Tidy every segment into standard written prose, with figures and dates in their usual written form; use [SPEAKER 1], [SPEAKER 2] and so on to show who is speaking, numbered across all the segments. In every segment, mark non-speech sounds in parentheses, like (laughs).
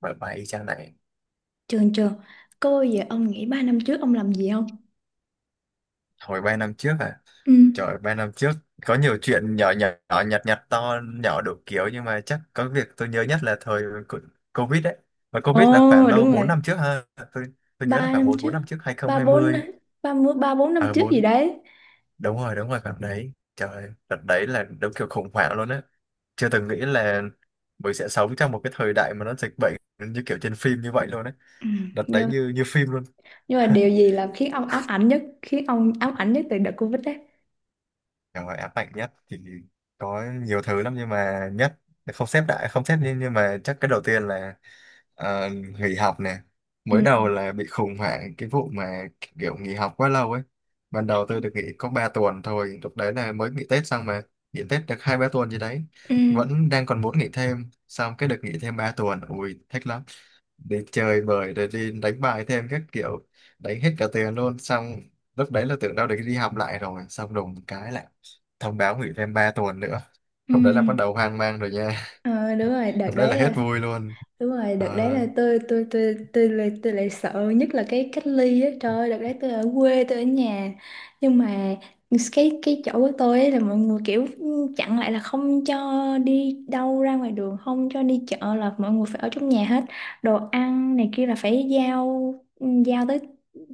[SPEAKER 1] Bài bài y chang này.
[SPEAKER 2] Trường trường, cô ơi, vậy ông nghĩ 3 năm trước ông làm gì không?
[SPEAKER 1] Hồi 3 năm trước à?
[SPEAKER 2] Ừ.
[SPEAKER 1] Trời, 3 năm trước có nhiều chuyện nhỏ nhỏ nhỏ nhặt nhặt, to nhỏ đủ kiểu, nhưng mà chắc có việc tôi nhớ nhất là thời Covid đấy. Và Covid là khoảng
[SPEAKER 2] Ồ
[SPEAKER 1] đâu
[SPEAKER 2] đúng
[SPEAKER 1] 4
[SPEAKER 2] rồi.
[SPEAKER 1] năm trước ha. Tôi tôi
[SPEAKER 2] Ba
[SPEAKER 1] nhớ là khoảng
[SPEAKER 2] năm
[SPEAKER 1] 4 4
[SPEAKER 2] trước,
[SPEAKER 1] năm trước,
[SPEAKER 2] 3
[SPEAKER 1] 2020.
[SPEAKER 2] 3 ba bốn năm
[SPEAKER 1] Ờ à,
[SPEAKER 2] trước gì
[SPEAKER 1] 4.
[SPEAKER 2] đấy.
[SPEAKER 1] Đúng rồi, đúng rồi, khoảng đấy. Trời, đợt đấy là đúng kiểu khủng hoảng luôn á. Chưa từng nghĩ là mình sẽ sống trong một cái thời đại mà nó dịch bệnh như kiểu trên phim như vậy luôn đấy.
[SPEAKER 2] Ừ.
[SPEAKER 1] Đợt đấy
[SPEAKER 2] Nhưng
[SPEAKER 1] như như phim luôn.
[SPEAKER 2] nhưng mà điều gì khiến ông ám ảnh nhất, khiến ông ám ảnh nhất từ đợt Covid đấy?
[SPEAKER 1] Chẳng gọi ám ảnh nhất thì có nhiều thứ lắm, nhưng mà nhất không xếp, đại không xếp, nhưng mà chắc cái đầu tiên là ờ, nghỉ học nè. Mới
[SPEAKER 2] Ừ.
[SPEAKER 1] đầu là bị khủng hoảng cái vụ mà kiểu nghỉ học quá lâu ấy. Ban đầu tôi được nghỉ có 3 tuần thôi, lúc đấy là mới nghỉ Tết xong mà, nghỉ Tết được 2 3 tuần gì đấy,
[SPEAKER 2] Ừ.
[SPEAKER 1] vẫn đang còn muốn nghỉ thêm, xong cái được nghỉ thêm 3 tuần, ui thích lắm, đi chơi bời rồi đi đánh bài thêm các kiểu, đánh hết cả tiền luôn. Xong lúc đấy là tưởng đâu được đi học lại rồi, xong đùng một cái lại thông báo nghỉ thêm 3 tuần nữa.
[SPEAKER 2] Ừ.
[SPEAKER 1] Lúc đấy là bắt đầu hoang mang rồi nha.
[SPEAKER 2] Ờ, đúng rồi,
[SPEAKER 1] (laughs)
[SPEAKER 2] đợt
[SPEAKER 1] Lúc đấy
[SPEAKER 2] đấy
[SPEAKER 1] là hết
[SPEAKER 2] là
[SPEAKER 1] vui luôn.
[SPEAKER 2] đúng rồi, đợt đấy
[SPEAKER 1] Ờ,
[SPEAKER 2] là tôi lại sợ nhất là cái cách ly á. Trời ơi, đợt đấy tôi ở quê, tôi ở nhà. Nhưng mà cái chỗ của tôi ấy là mọi người kiểu chặn lại, là không cho đi đâu ra ngoài đường, không cho đi chợ, là mọi người phải ở trong nhà hết. Đồ ăn này kia là phải giao giao tới,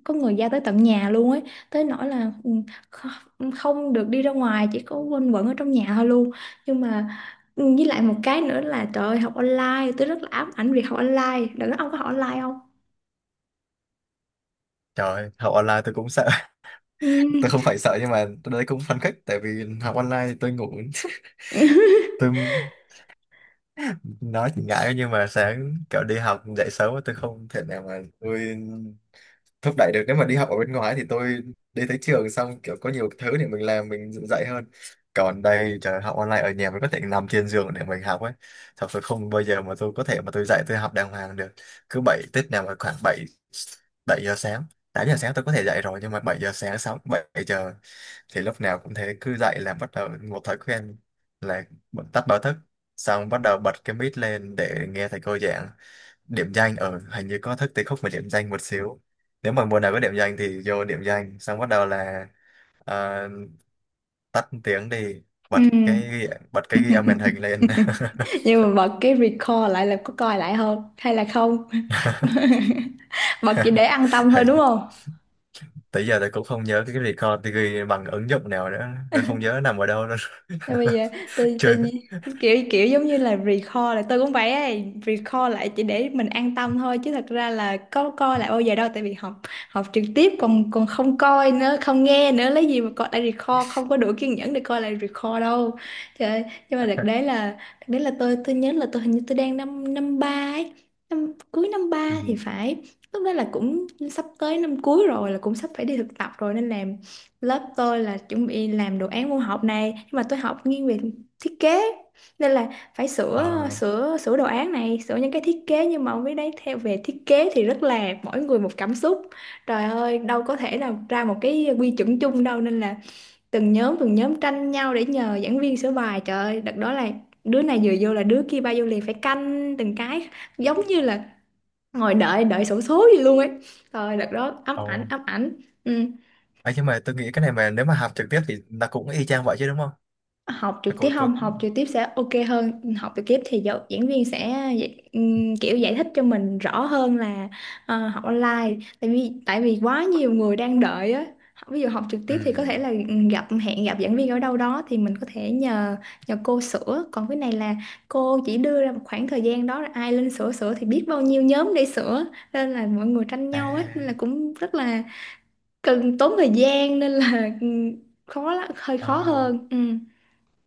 [SPEAKER 2] có người giao tới tận nhà luôn ấy. Tới nỗi là ừ, không được đi ra ngoài, chỉ có quanh quẩn ở trong nhà thôi luôn. Nhưng mà với lại một cái nữa là trời ơi, học online, tôi rất là ám ảnh việc học online. Đừng nói ông có học online không.
[SPEAKER 1] trời học online tôi cũng sợ. (laughs)
[SPEAKER 2] Ừm.
[SPEAKER 1] Tôi không phải sợ, nhưng mà tôi đấy cũng phấn khích, tại vì học online thì tôi ngủ. (laughs) Tôi
[SPEAKER 2] (laughs)
[SPEAKER 1] nói thì ngại, nhưng mà sáng kiểu đi học dậy sớm tôi không thể nào mà tôi thúc đẩy được. Nếu mà đi học ở bên ngoài thì tôi đi tới trường xong kiểu có nhiều thứ để mình làm, mình dạy dạy hơn. Còn đây trời học online ở nhà mình có thể nằm trên giường để mình học ấy, thật sự không bao giờ mà tôi có thể mà tôi dạy tôi học đàng hoàng được. Cứ bảy Tết nào mà khoảng bảy bảy giờ sáng, 8 giờ sáng tôi có thể dạy rồi, nhưng mà 7 giờ sáng, 6 7 giờ thì lúc nào cũng thế. Cứ dậy là bắt đầu một thói quen là tắt báo thức, xong bắt đầu bật cái mic lên để nghe thầy cô giảng, điểm danh ở hình như có thức tí khúc mà điểm danh một xíu. Nếu mà mùa nào có điểm danh thì vô điểm danh, xong bắt đầu là ờ, tắt tiếng đi,
[SPEAKER 2] Ừm.
[SPEAKER 1] bật cái ghi âm màn hình
[SPEAKER 2] (laughs)
[SPEAKER 1] lên.
[SPEAKER 2] Nhưng mà bật cái record lại là có coi lại không hay là không? (laughs)
[SPEAKER 1] (laughs)
[SPEAKER 2] Bật chỉ để an tâm thôi đúng
[SPEAKER 1] Hay,
[SPEAKER 2] không?
[SPEAKER 1] tới giờ tôi cũng không nhớ cái record tôi ghi bằng ứng dụng nào nữa, tôi không nhớ nằm ở đâu luôn.
[SPEAKER 2] Rồi bây
[SPEAKER 1] (laughs)
[SPEAKER 2] giờ tự,
[SPEAKER 1] Chưa.
[SPEAKER 2] tự nhiên kiểu kiểu giống như là recall lại, tôi cũng vậy ấy, recall lại chỉ để mình an tâm thôi chứ thật ra là có coi lại bao giờ đâu, tại vì học học trực tiếp còn còn không coi nữa, không nghe nữa, lấy gì mà coi lại recall, không có đủ kiên nhẫn để coi lại recall đâu. Trời ơi, nhưng mà đợt đấy là tôi nhớ là tôi hình như tôi đang năm năm ba ấy, năm cuối năm
[SPEAKER 1] Ừ.
[SPEAKER 2] ba thì phải. Lúc đó là cũng sắp tới năm cuối rồi, là cũng sắp phải đi thực tập rồi, nên là lớp tôi là chuẩn bị làm đồ án môn học này, nhưng mà tôi học nghiêng về thiết kế, nên là phải sửa
[SPEAKER 1] Ờ.
[SPEAKER 2] sửa sửa đồ án này, sửa những cái thiết kế, nhưng mà ông biết đấy, theo về thiết kế thì rất là mỗi người một cảm xúc, trời ơi đâu có thể nào ra một cái quy chuẩn chung đâu, nên là từng nhóm tranh nhau để nhờ giảng viên sửa bài. Trời ơi đợt đó là đứa này vừa vô là đứa kia bao vô liền, phải canh từng cái, giống như là ngồi đợi đợi xổ số gì luôn ấy. Trời ơi, đợt đó ám
[SPEAKER 1] Ồ.
[SPEAKER 2] ảnh, ám ảnh. Ừ.
[SPEAKER 1] Ấy, nhưng mà tôi nghĩ cái này mà nếu mà học trực tiếp thì nó cũng y chang vậy chứ đúng không?
[SPEAKER 2] Học
[SPEAKER 1] Nó
[SPEAKER 2] trực tiếp,
[SPEAKER 1] cũng có.
[SPEAKER 2] không, học trực tiếp sẽ ok hơn. Học trực tiếp thì giáo, diễn viên sẽ kiểu giải thích cho mình rõ hơn, là ờ, học online tại vì quá nhiều người đang đợi á. Ví dụ học trực
[SPEAKER 1] Ừ.
[SPEAKER 2] tiếp thì có thể là ừ, gặp hẹn gặp giảng viên ở đâu đó thì mình có thể nhờ nhờ cô sửa, còn cái này là cô chỉ đưa ra một khoảng thời gian đó, là ai lên sửa sửa thì biết bao nhiêu nhóm để sửa, nên là mọi người tranh nhau ấy, nên là
[SPEAKER 1] À.
[SPEAKER 2] cũng rất là cần tốn thời gian, nên là khó lắm, hơi khó
[SPEAKER 1] Ờ.
[SPEAKER 2] hơn. Ừ.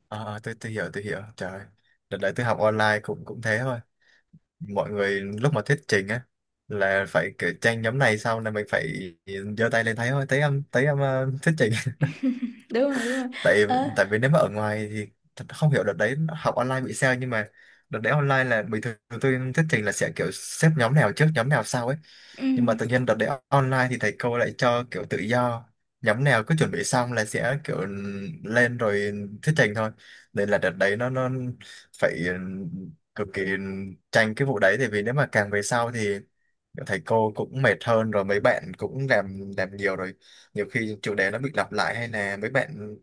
[SPEAKER 1] Ờ, ờ, tôi hiểu, tôi hiểu. Trời ơi, đợt đấy tôi học online cũng cũng thế thôi. Mọi người lúc mà thuyết trình á là phải kiểu tranh, nhóm này xong là mình phải giơ tay lên, thấy thôi thấy em thấy em, ờ, thuyết trình.
[SPEAKER 2] Đúng rồi, đúng rồi.
[SPEAKER 1] Tại,
[SPEAKER 2] Ờ.
[SPEAKER 1] tại vì nếu mà ở ngoài thì thật không hiểu đợt đấy học online bị sao, nhưng mà đợt đấy online là bình thường tôi thuyết trình là sẽ kiểu xếp nhóm nào trước nhóm nào sau ấy. Nhưng mà tự
[SPEAKER 2] Ừ.
[SPEAKER 1] nhiên đợt đấy online thì thầy cô lại cho kiểu tự do, nhóm nào cứ chuẩn bị xong là sẽ kiểu lên rồi thuyết trình thôi. Nên là đợt đấy nó phải ừ, cực kỳ tranh cái vụ đấy, tại vì nếu mà càng về sau thì thầy cô cũng mệt hơn rồi, mấy bạn cũng làm nhiều rồi, nhiều khi chủ đề nó bị lặp lại hay là mấy bạn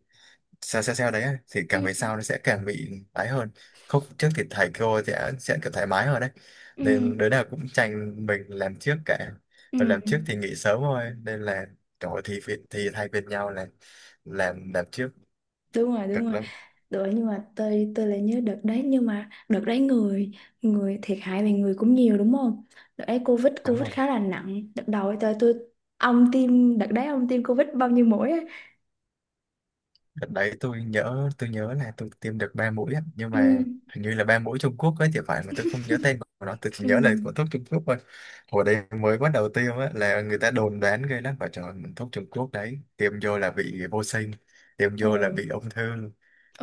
[SPEAKER 1] sao sao sao đấy ấy, thì càng về sau
[SPEAKER 2] Ừ.
[SPEAKER 1] nó sẽ càng bị tái hơn. Khúc trước thì thầy cô sẽ kiểu thoải mái hơn đấy,
[SPEAKER 2] Ừ.
[SPEAKER 1] nên đứa nào cũng tranh mình làm trước cả,
[SPEAKER 2] Ừ.
[SPEAKER 1] và làm trước thì nghỉ sớm thôi, nên là trời ơi, thì thay phiên nhau là làm trước.
[SPEAKER 2] Đúng rồi, đúng
[SPEAKER 1] Cực
[SPEAKER 2] rồi.
[SPEAKER 1] lắm.
[SPEAKER 2] Rồi nhưng mà tôi lại nhớ đợt đấy, nhưng mà đợt đấy người người thiệt hại về người cũng nhiều đúng không. Đợt đấy covid
[SPEAKER 1] Đúng
[SPEAKER 2] covid
[SPEAKER 1] rồi.
[SPEAKER 2] khá là nặng đợt đầu ấy. Tôi ông tiêm đợt đấy, ông tiêm covid bao nhiêu mũi ấy?
[SPEAKER 1] Đợt đấy tôi nhớ, tôi nhớ là tôi tiêm được 3 mũi á, nhưng
[SPEAKER 2] Ừ.
[SPEAKER 1] mà hình như là 3 mũi Trung Quốc ấy thì phải, mà tôi không nhớ tên của nó, tôi chỉ
[SPEAKER 2] Ừ.
[SPEAKER 1] nhớ là của thuốc Trung Quốc thôi. Hồi đấy mới bắt đầu tiêm á, là người ta đồn đoán ghê lắm. Và trời, thuốc Trung Quốc đấy tiêm vô là bị vô sinh, tiêm
[SPEAKER 2] Ồ.
[SPEAKER 1] vô là bị ung thư,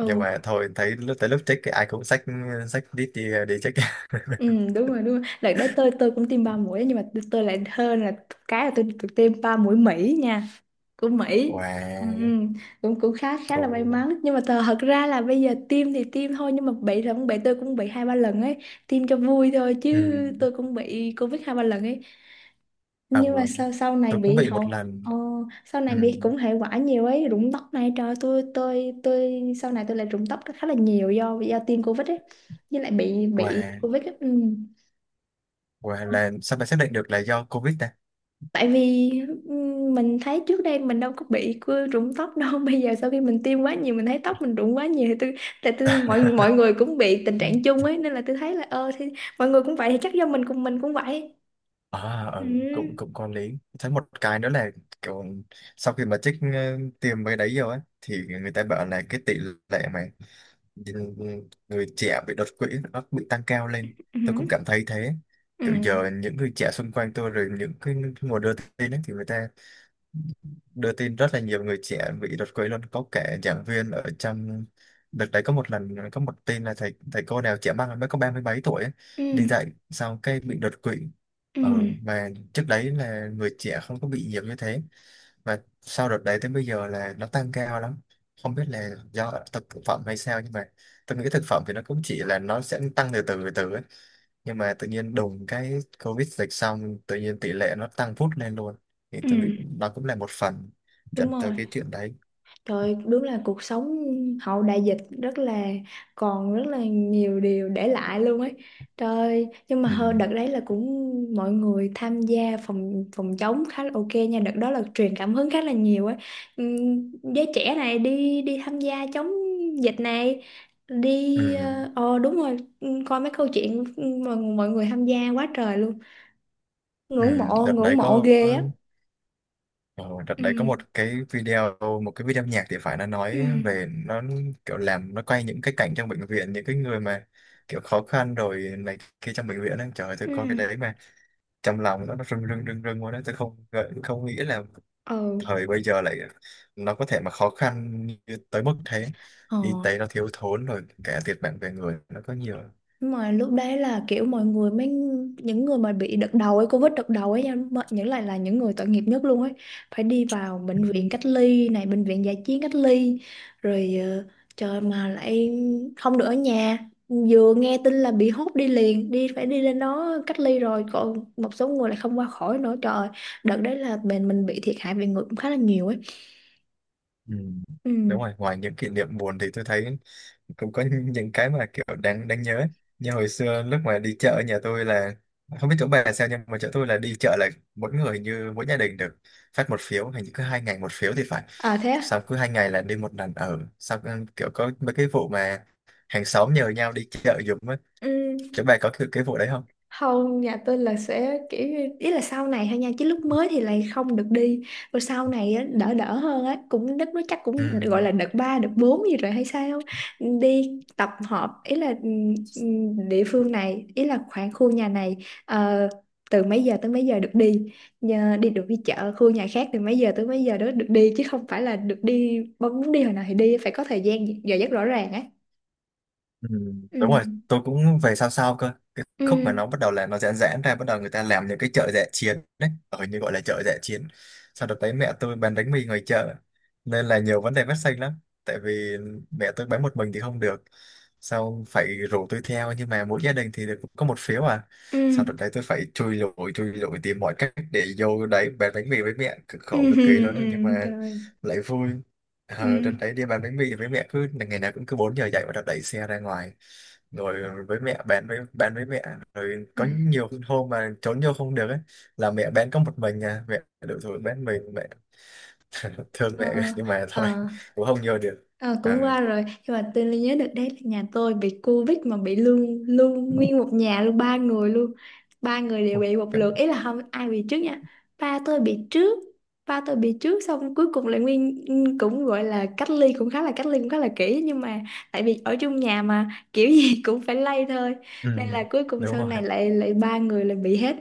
[SPEAKER 1] nhưng mà thôi thấy lúc tới lúc check thì ai cũng xách, xách đít đi đi check. (laughs)
[SPEAKER 2] Ừ. Đúng rồi, đúng rồi, đợt đấy tôi cũng tiêm ba mũi, nhưng mà tôi lại hơn là cái là tôi tiêm ba mũi Mỹ nha, của Mỹ. Ừ,
[SPEAKER 1] Wow.
[SPEAKER 2] ừ. Cũng cũng khá, khá là may
[SPEAKER 1] Ồ.
[SPEAKER 2] mắn, nhưng mà thật, thật ra là bây giờ tiêm thì tiêm thôi nhưng mà bị là cũng bị, tôi cũng bị hai ba lần ấy. Tiêm cho vui thôi
[SPEAKER 1] Ừ.
[SPEAKER 2] chứ. Tôi cũng bị Covid hai ba lần ấy,
[SPEAKER 1] Ờ,
[SPEAKER 2] nhưng mà sau sau này
[SPEAKER 1] tôi cũng
[SPEAKER 2] bị
[SPEAKER 1] bị một
[SPEAKER 2] hậu,
[SPEAKER 1] lần.
[SPEAKER 2] ờ, sau
[SPEAKER 1] Ừ.
[SPEAKER 2] này bị cũng hệ quả nhiều ấy. Rụng tóc này, trời ơi, tôi sau này tôi lại rụng tóc khá là nhiều do tiêm Covid ấy, với lại bị
[SPEAKER 1] Wow,
[SPEAKER 2] Covid ấy. Ừ.
[SPEAKER 1] wow là sao mà xác định được là do Covid ta?
[SPEAKER 2] Tại vì mình thấy trước đây mình đâu có bị cứ rụng tóc đâu. (laughs) Bây giờ sau khi mình tiêm quá nhiều, mình thấy tóc mình rụng quá nhiều, thì tôi tại tôi mọi mọi
[SPEAKER 1] (laughs)
[SPEAKER 2] người cũng bị tình trạng chung ấy, nên là tôi thấy là ờ thì mọi người cũng vậy thì chắc do mình, cùng mình cũng vậy.
[SPEAKER 1] À
[SPEAKER 2] Ừ.
[SPEAKER 1] ừ, cũng cũng có lý. Thấy một cái nữa là kiểu sau khi mà trích ờ, tiền mấy đấy rồi ấy, thì người ta bảo là cái tỷ lệ mà người trẻ bị đột quỵ nó bị tăng cao lên. Tôi cũng
[SPEAKER 2] Ừ.
[SPEAKER 1] cảm thấy thế,
[SPEAKER 2] Ừ.
[SPEAKER 1] kiểu giờ những người trẻ xung quanh tôi rồi những cái nguồn đưa tin ấy, thì người ta đưa tin rất là nhiều người trẻ bị đột quỵ luôn. Có kẻ giảng viên ở trong đợt đấy có một lần có một tin là thầy thầy cô nào trẻ măng mới có 30 mấy tuổi ấy,
[SPEAKER 2] Ừ.
[SPEAKER 1] đi dạy xong cái bị đột quỵ.
[SPEAKER 2] Ừ.
[SPEAKER 1] Ở mà trước đấy là người trẻ không có bị nhiều như thế, và sau đợt đấy tới bây giờ là nó tăng cao lắm, không biết là do thực thực phẩm hay sao, nhưng mà tôi nghĩ thực phẩm thì nó cũng chỉ là nó sẽ tăng từ từ từ từ ấy, nhưng mà tự nhiên đùng cái Covid dịch xong tự nhiên tỷ lệ nó tăng vút lên luôn, thì
[SPEAKER 2] Ừ.
[SPEAKER 1] tôi nghĩ nó cũng là một phần
[SPEAKER 2] Đúng
[SPEAKER 1] dẫn tới
[SPEAKER 2] rồi.
[SPEAKER 1] cái chuyện đấy.
[SPEAKER 2] Trời, đúng là cuộc sống hậu đại dịch rất là còn rất là nhiều điều để lại luôn ấy. Trời, nhưng mà hơn
[SPEAKER 1] Ừ.
[SPEAKER 2] đợt đấy là cũng mọi người tham gia phòng phòng chống khá là ok nha, đợt đó là truyền cảm hứng khá là nhiều ấy. Giới trẻ này đi đi tham gia chống dịch này, đi
[SPEAKER 1] Ừ.
[SPEAKER 2] ờ ờ, đúng rồi, coi mấy câu chuyện mọi, mọi người tham gia quá trời luôn.
[SPEAKER 1] Ừ. Đợt
[SPEAKER 2] Ngưỡng
[SPEAKER 1] đấy
[SPEAKER 2] mộ
[SPEAKER 1] có
[SPEAKER 2] ghê á.
[SPEAKER 1] ờ, đợt đấy có
[SPEAKER 2] Ừ,
[SPEAKER 1] một cái video, một cái video nhạc thì phải, nó
[SPEAKER 2] ừ,
[SPEAKER 1] nói về nó kiểu làm, nó quay những cái cảnh trong bệnh viện, những cái người mà kiểu khó khăn rồi này kia trong bệnh viện ấy. Trời ơi, tôi coi cái
[SPEAKER 2] ừ.
[SPEAKER 1] đấy mà trong lòng nó rưng rưng rưng rưng luôn đấy. Tôi không nghĩ là
[SPEAKER 2] Ừ.
[SPEAKER 1] thời bây giờ lại nó có thể mà khó khăn như tới mức thế,
[SPEAKER 2] Ờ.
[SPEAKER 1] y tế nó thiếu thốn rồi cả thiệt mạng về người nó có nhiều.
[SPEAKER 2] Đúng rồi, lúc đấy là kiểu mọi người mới, những người mà bị đợt đầu ấy, Covid đợt đầu ấy nha, mà những lại là những người tội nghiệp nhất luôn ấy, phải đi vào bệnh viện cách ly này, bệnh viện dã chiến cách ly, rồi ờ, trời mà lại không được ở nhà, vừa nghe tin là bị hốt đi liền, đi phải đi lên đó cách ly, rồi còn một số người lại không qua khỏi nữa. Trời ơi, đợt đấy là mình bị thiệt hại về người cũng khá là nhiều ấy.
[SPEAKER 1] Ừ.
[SPEAKER 2] Ừ.
[SPEAKER 1] Đúng rồi, ngoài những kỷ niệm buồn thì tôi thấy cũng có những cái mà kiểu đáng đáng nhớ ấy. Như hồi xưa lúc mà đi chợ ở nhà tôi là không biết chỗ bà sao, nhưng mà chỗ tôi là đi chợ là mỗi người, như mỗi gia đình được phát một phiếu, hình như cứ 2 ngày một phiếu thì phải,
[SPEAKER 2] À thế à?
[SPEAKER 1] sau cứ 2 ngày là đi một lần. Ở sau kiểu có mấy cái vụ mà hàng xóm nhờ nhau đi chợ giùm á,
[SPEAKER 2] Ừ.
[SPEAKER 1] chỗ bà có cái vụ đấy không?
[SPEAKER 2] Không, nhà tôi là sẽ ý là sau này thôi nha, chứ lúc mới thì lại không được đi, rồi sau này á, đỡ đỡ hơn á, cũng đất nó chắc
[SPEAKER 1] Ừ,
[SPEAKER 2] cũng gọi là đợt 3 đợt 4 gì rồi hay sao. Đi tập họp ý là địa phương này, ý là khoảng khu nhà này ờ, từ mấy giờ tới mấy giờ được đi. Nhờ đi được đi chợ khu nhà khác từ mấy giờ tới mấy giờ đó được đi, chứ không phải là được đi bỗng muốn đi hồi nào thì đi, phải có thời gian giờ giấc rõ ràng á.
[SPEAKER 1] ừ, đúng rồi,
[SPEAKER 2] Ừ.
[SPEAKER 1] tôi cũng về sao sao cơ cái khúc mà
[SPEAKER 2] Ừ.
[SPEAKER 1] nó bắt đầu là nó giãn giãn ra, bắt đầu người ta làm những cái chợ dã chiến đấy, ở như gọi là chợ dã chiến. Sau đó tới mẹ tôi bán bánh mì ngoài chợ nên là nhiều vấn đề phát sinh lắm, tại vì mẹ tôi bán một mình thì không được, sau phải rủ tôi theo, nhưng mà mỗi gia đình thì được có một phiếu à.
[SPEAKER 2] Ừ.
[SPEAKER 1] Sau đó đấy tôi phải chui lủi tìm mọi cách để vô đấy bán bánh mì với mẹ, cực
[SPEAKER 2] Ừ.
[SPEAKER 1] khổ cực
[SPEAKER 2] (laughs)
[SPEAKER 1] kỳ
[SPEAKER 2] Ừ.
[SPEAKER 1] luôn đó, nhưng
[SPEAKER 2] Ừ, ừ,
[SPEAKER 1] mà
[SPEAKER 2] trời.
[SPEAKER 1] lại vui. Ờ, đợt
[SPEAKER 2] Ừ.
[SPEAKER 1] đấy đi bán bánh mì với mẹ cứ ngày nào cũng cứ 4 giờ dậy, và đợt đẩy xe ra ngoài rồi với mẹ bán, với bán với mẹ, rồi có
[SPEAKER 2] (laughs)
[SPEAKER 1] nhiều hôm mà trốn vô không được ấy là mẹ bán có một mình à, mẹ đủ rồi bán mình mẹ. (laughs) Thương
[SPEAKER 2] Ờ,
[SPEAKER 1] mẹ rồi, nhưng mà thôi
[SPEAKER 2] ờ,
[SPEAKER 1] cũng không vô được.
[SPEAKER 2] ờ,
[SPEAKER 1] Ờ.
[SPEAKER 2] cũng qua rồi, nhưng mà tôi nhớ được đấy là nhà tôi bị Covid mà bị luôn, luôn nguyên một nhà luôn, ba người luôn. Ba người đều bị một lượt, ý là không ai bị trước nha. Ba tôi bị trước ba tôi bị trước, xong cuối cùng lại nguyên cũng gọi là cách ly, cũng khá là cách ly cũng khá là kỹ, nhưng mà tại vì ở chung nhà mà kiểu gì (laughs) cũng phải lây thôi, nên
[SPEAKER 1] Ừ.
[SPEAKER 2] là cuối cùng
[SPEAKER 1] Đúng
[SPEAKER 2] sau này
[SPEAKER 1] rồi.
[SPEAKER 2] lại lại ba người lại bị hết.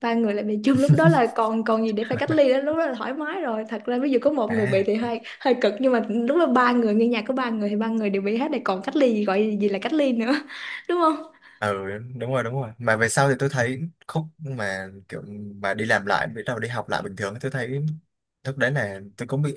[SPEAKER 2] Ba người lại bị chung, lúc đó là
[SPEAKER 1] (laughs)
[SPEAKER 2] còn còn gì để phải cách ly đó, lúc đó là thoải mái rồi. Thật ra ví dụ có một người
[SPEAKER 1] À
[SPEAKER 2] bị thì hơi hơi cực, nhưng mà lúc đó ba người nghe nhạc, có ba người thì ba người đều bị hết thì còn cách ly gì, gọi gì là cách ly nữa. (laughs) Đúng không?
[SPEAKER 1] ừ, đúng rồi, đúng rồi. Mà về sau thì tôi thấy khúc mà kiểu mà đi làm lại, bắt đầu đi học lại bình thường, tôi thấy lúc đấy là tôi cũng bị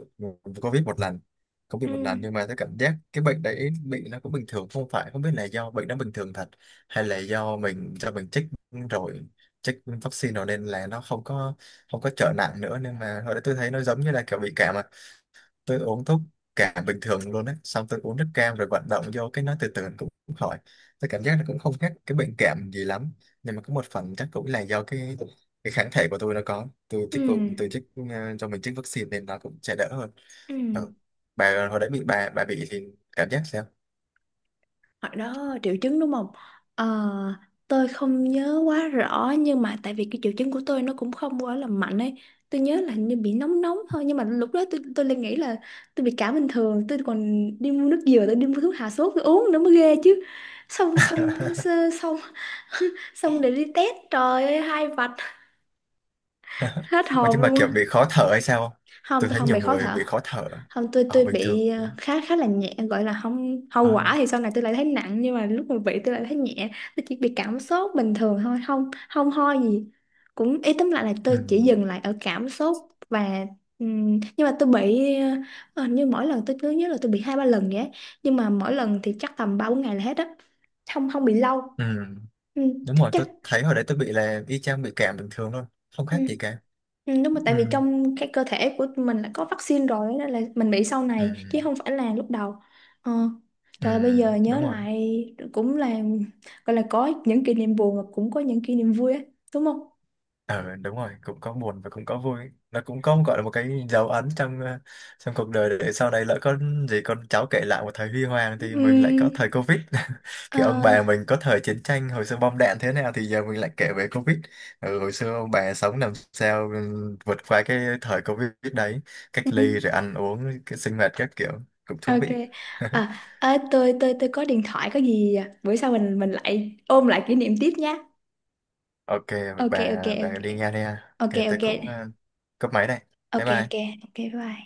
[SPEAKER 1] Covid một lần, cũng bị
[SPEAKER 2] Ừ.
[SPEAKER 1] một lần, nhưng mà tôi cảm giác cái bệnh đấy bị nó cũng bình thường, không phải, không biết là do bệnh nó bình thường thật, hay là do mình, do mình chích rồi, chích vaccine rồi nên là nó không có, không có trở nặng nữa, nên mà hồi đấy tôi thấy nó giống như là kiểu bị cảm à. Tôi uống thuốc cả bình thường luôn á, xong tôi uống nước cam rồi vận động vô cái nó từ từ cũng cũng khỏi. Tôi cảm giác nó cũng không khác cái bệnh cảm gì lắm, nhưng mà có một phần chắc cũng là do cái kháng thể của tôi nó có, tôi
[SPEAKER 2] Ừ.
[SPEAKER 1] chích cũng tôi chích ờ, cho mình chích vaccine nên nó cũng sẽ đỡ hơn.
[SPEAKER 2] Ừ.
[SPEAKER 1] Ừ. Bà hồi đấy bị, bà bị thì cảm giác sao?
[SPEAKER 2] Hồi đó triệu chứng đúng không? Ờ, tôi không nhớ quá rõ, nhưng mà tại vì cái triệu chứng của tôi nó cũng không quá là mạnh ấy. Tôi nhớ là hình như bị nóng nóng thôi, nhưng mà lúc đó tôi lại nghĩ là tôi bị cảm bình thường, tôi còn đi mua nước dừa, tôi đi mua thuốc hạ sốt tôi uống nữa, mới ghê chứ. Xong xong xong (laughs) xong để đi test, trời ơi hai vạch, hết
[SPEAKER 1] Ôi,
[SPEAKER 2] hồn
[SPEAKER 1] nhưng mà
[SPEAKER 2] luôn.
[SPEAKER 1] kiểu bị khó thở hay sao không?
[SPEAKER 2] Không,
[SPEAKER 1] Tôi
[SPEAKER 2] tôi
[SPEAKER 1] thấy
[SPEAKER 2] không bị
[SPEAKER 1] nhiều
[SPEAKER 2] khó
[SPEAKER 1] người
[SPEAKER 2] thở.
[SPEAKER 1] bị khó thở.
[SPEAKER 2] Không, tôi
[SPEAKER 1] Ở
[SPEAKER 2] tôi
[SPEAKER 1] bình thường
[SPEAKER 2] bị ờ, khá, khá là nhẹ, gọi là không, hậu
[SPEAKER 1] à,
[SPEAKER 2] quả thì sau này tôi lại thấy nặng, nhưng mà lúc mà bị tôi lại thấy nhẹ. Tôi chỉ bị cảm sốt bình thường thôi, không không ho gì. Cũng ý tóm lại là
[SPEAKER 1] ừ.
[SPEAKER 2] tôi chỉ dừng lại ở cảm sốt. Và nhưng mà tôi bị ờ, ờ, như mỗi lần tôi cứ nhớ là tôi bị hai ba lần vậy á. Nhưng mà mỗi lần thì chắc tầm ba bốn ngày là hết á, không không bị lâu.
[SPEAKER 1] Ừ.
[SPEAKER 2] Ừ,
[SPEAKER 1] Đúng rồi,
[SPEAKER 2] chắc.
[SPEAKER 1] tôi thấy hồi đấy tôi bị là y chang bị cảm bình thường luôn, không
[SPEAKER 2] Ừ.
[SPEAKER 1] khác gì cả.
[SPEAKER 2] Ừ, đúng rồi,
[SPEAKER 1] Ừ.
[SPEAKER 2] tại vì trong cái cơ thể của mình đã có vaccine rồi, nên là mình bị sau
[SPEAKER 1] Ừ,
[SPEAKER 2] này chứ không phải là lúc đầu. Ờ.
[SPEAKER 1] ừ,
[SPEAKER 2] Trời ơi, bây giờ nhớ
[SPEAKER 1] đúng rồi.
[SPEAKER 2] lại cũng là gọi là có những kỷ niệm buồn mà cũng có những kỷ niệm vui á, đúng không?
[SPEAKER 1] Ờ đúng rồi, cũng có buồn và cũng có vui, nó cũng có gọi là một cái dấu ấn trong ờ, trong cuộc đời, để sau này lỡ có gì con cháu kể lại một thời huy hoàng thì mình lại
[SPEAKER 2] Ừm,
[SPEAKER 1] có thời Covid, (laughs)
[SPEAKER 2] ờ,
[SPEAKER 1] kiểu ông bà mình có thời chiến tranh hồi xưa bom đạn thế nào thì giờ mình lại kể về Covid. Ừ, hồi xưa ông bà sống làm sao, ừ, vượt qua cái thời Covid đấy, cách
[SPEAKER 2] ừm,
[SPEAKER 1] ly rồi ăn uống cái sinh hoạt các kiểu, cũng thú
[SPEAKER 2] ok.
[SPEAKER 1] vị. (laughs)
[SPEAKER 2] À, à, tôi có điện thoại có gì à? Bữa sau mình lại ôm lại kỷ niệm tiếp nhé.
[SPEAKER 1] OK,
[SPEAKER 2] Ok ok ok.
[SPEAKER 1] bà đi nghe đi ha,
[SPEAKER 2] Ok
[SPEAKER 1] OK tôi
[SPEAKER 2] ok.
[SPEAKER 1] cũng ờ, cúp máy đây. Bye
[SPEAKER 2] Ok ok.
[SPEAKER 1] bye.
[SPEAKER 2] ok bye bye.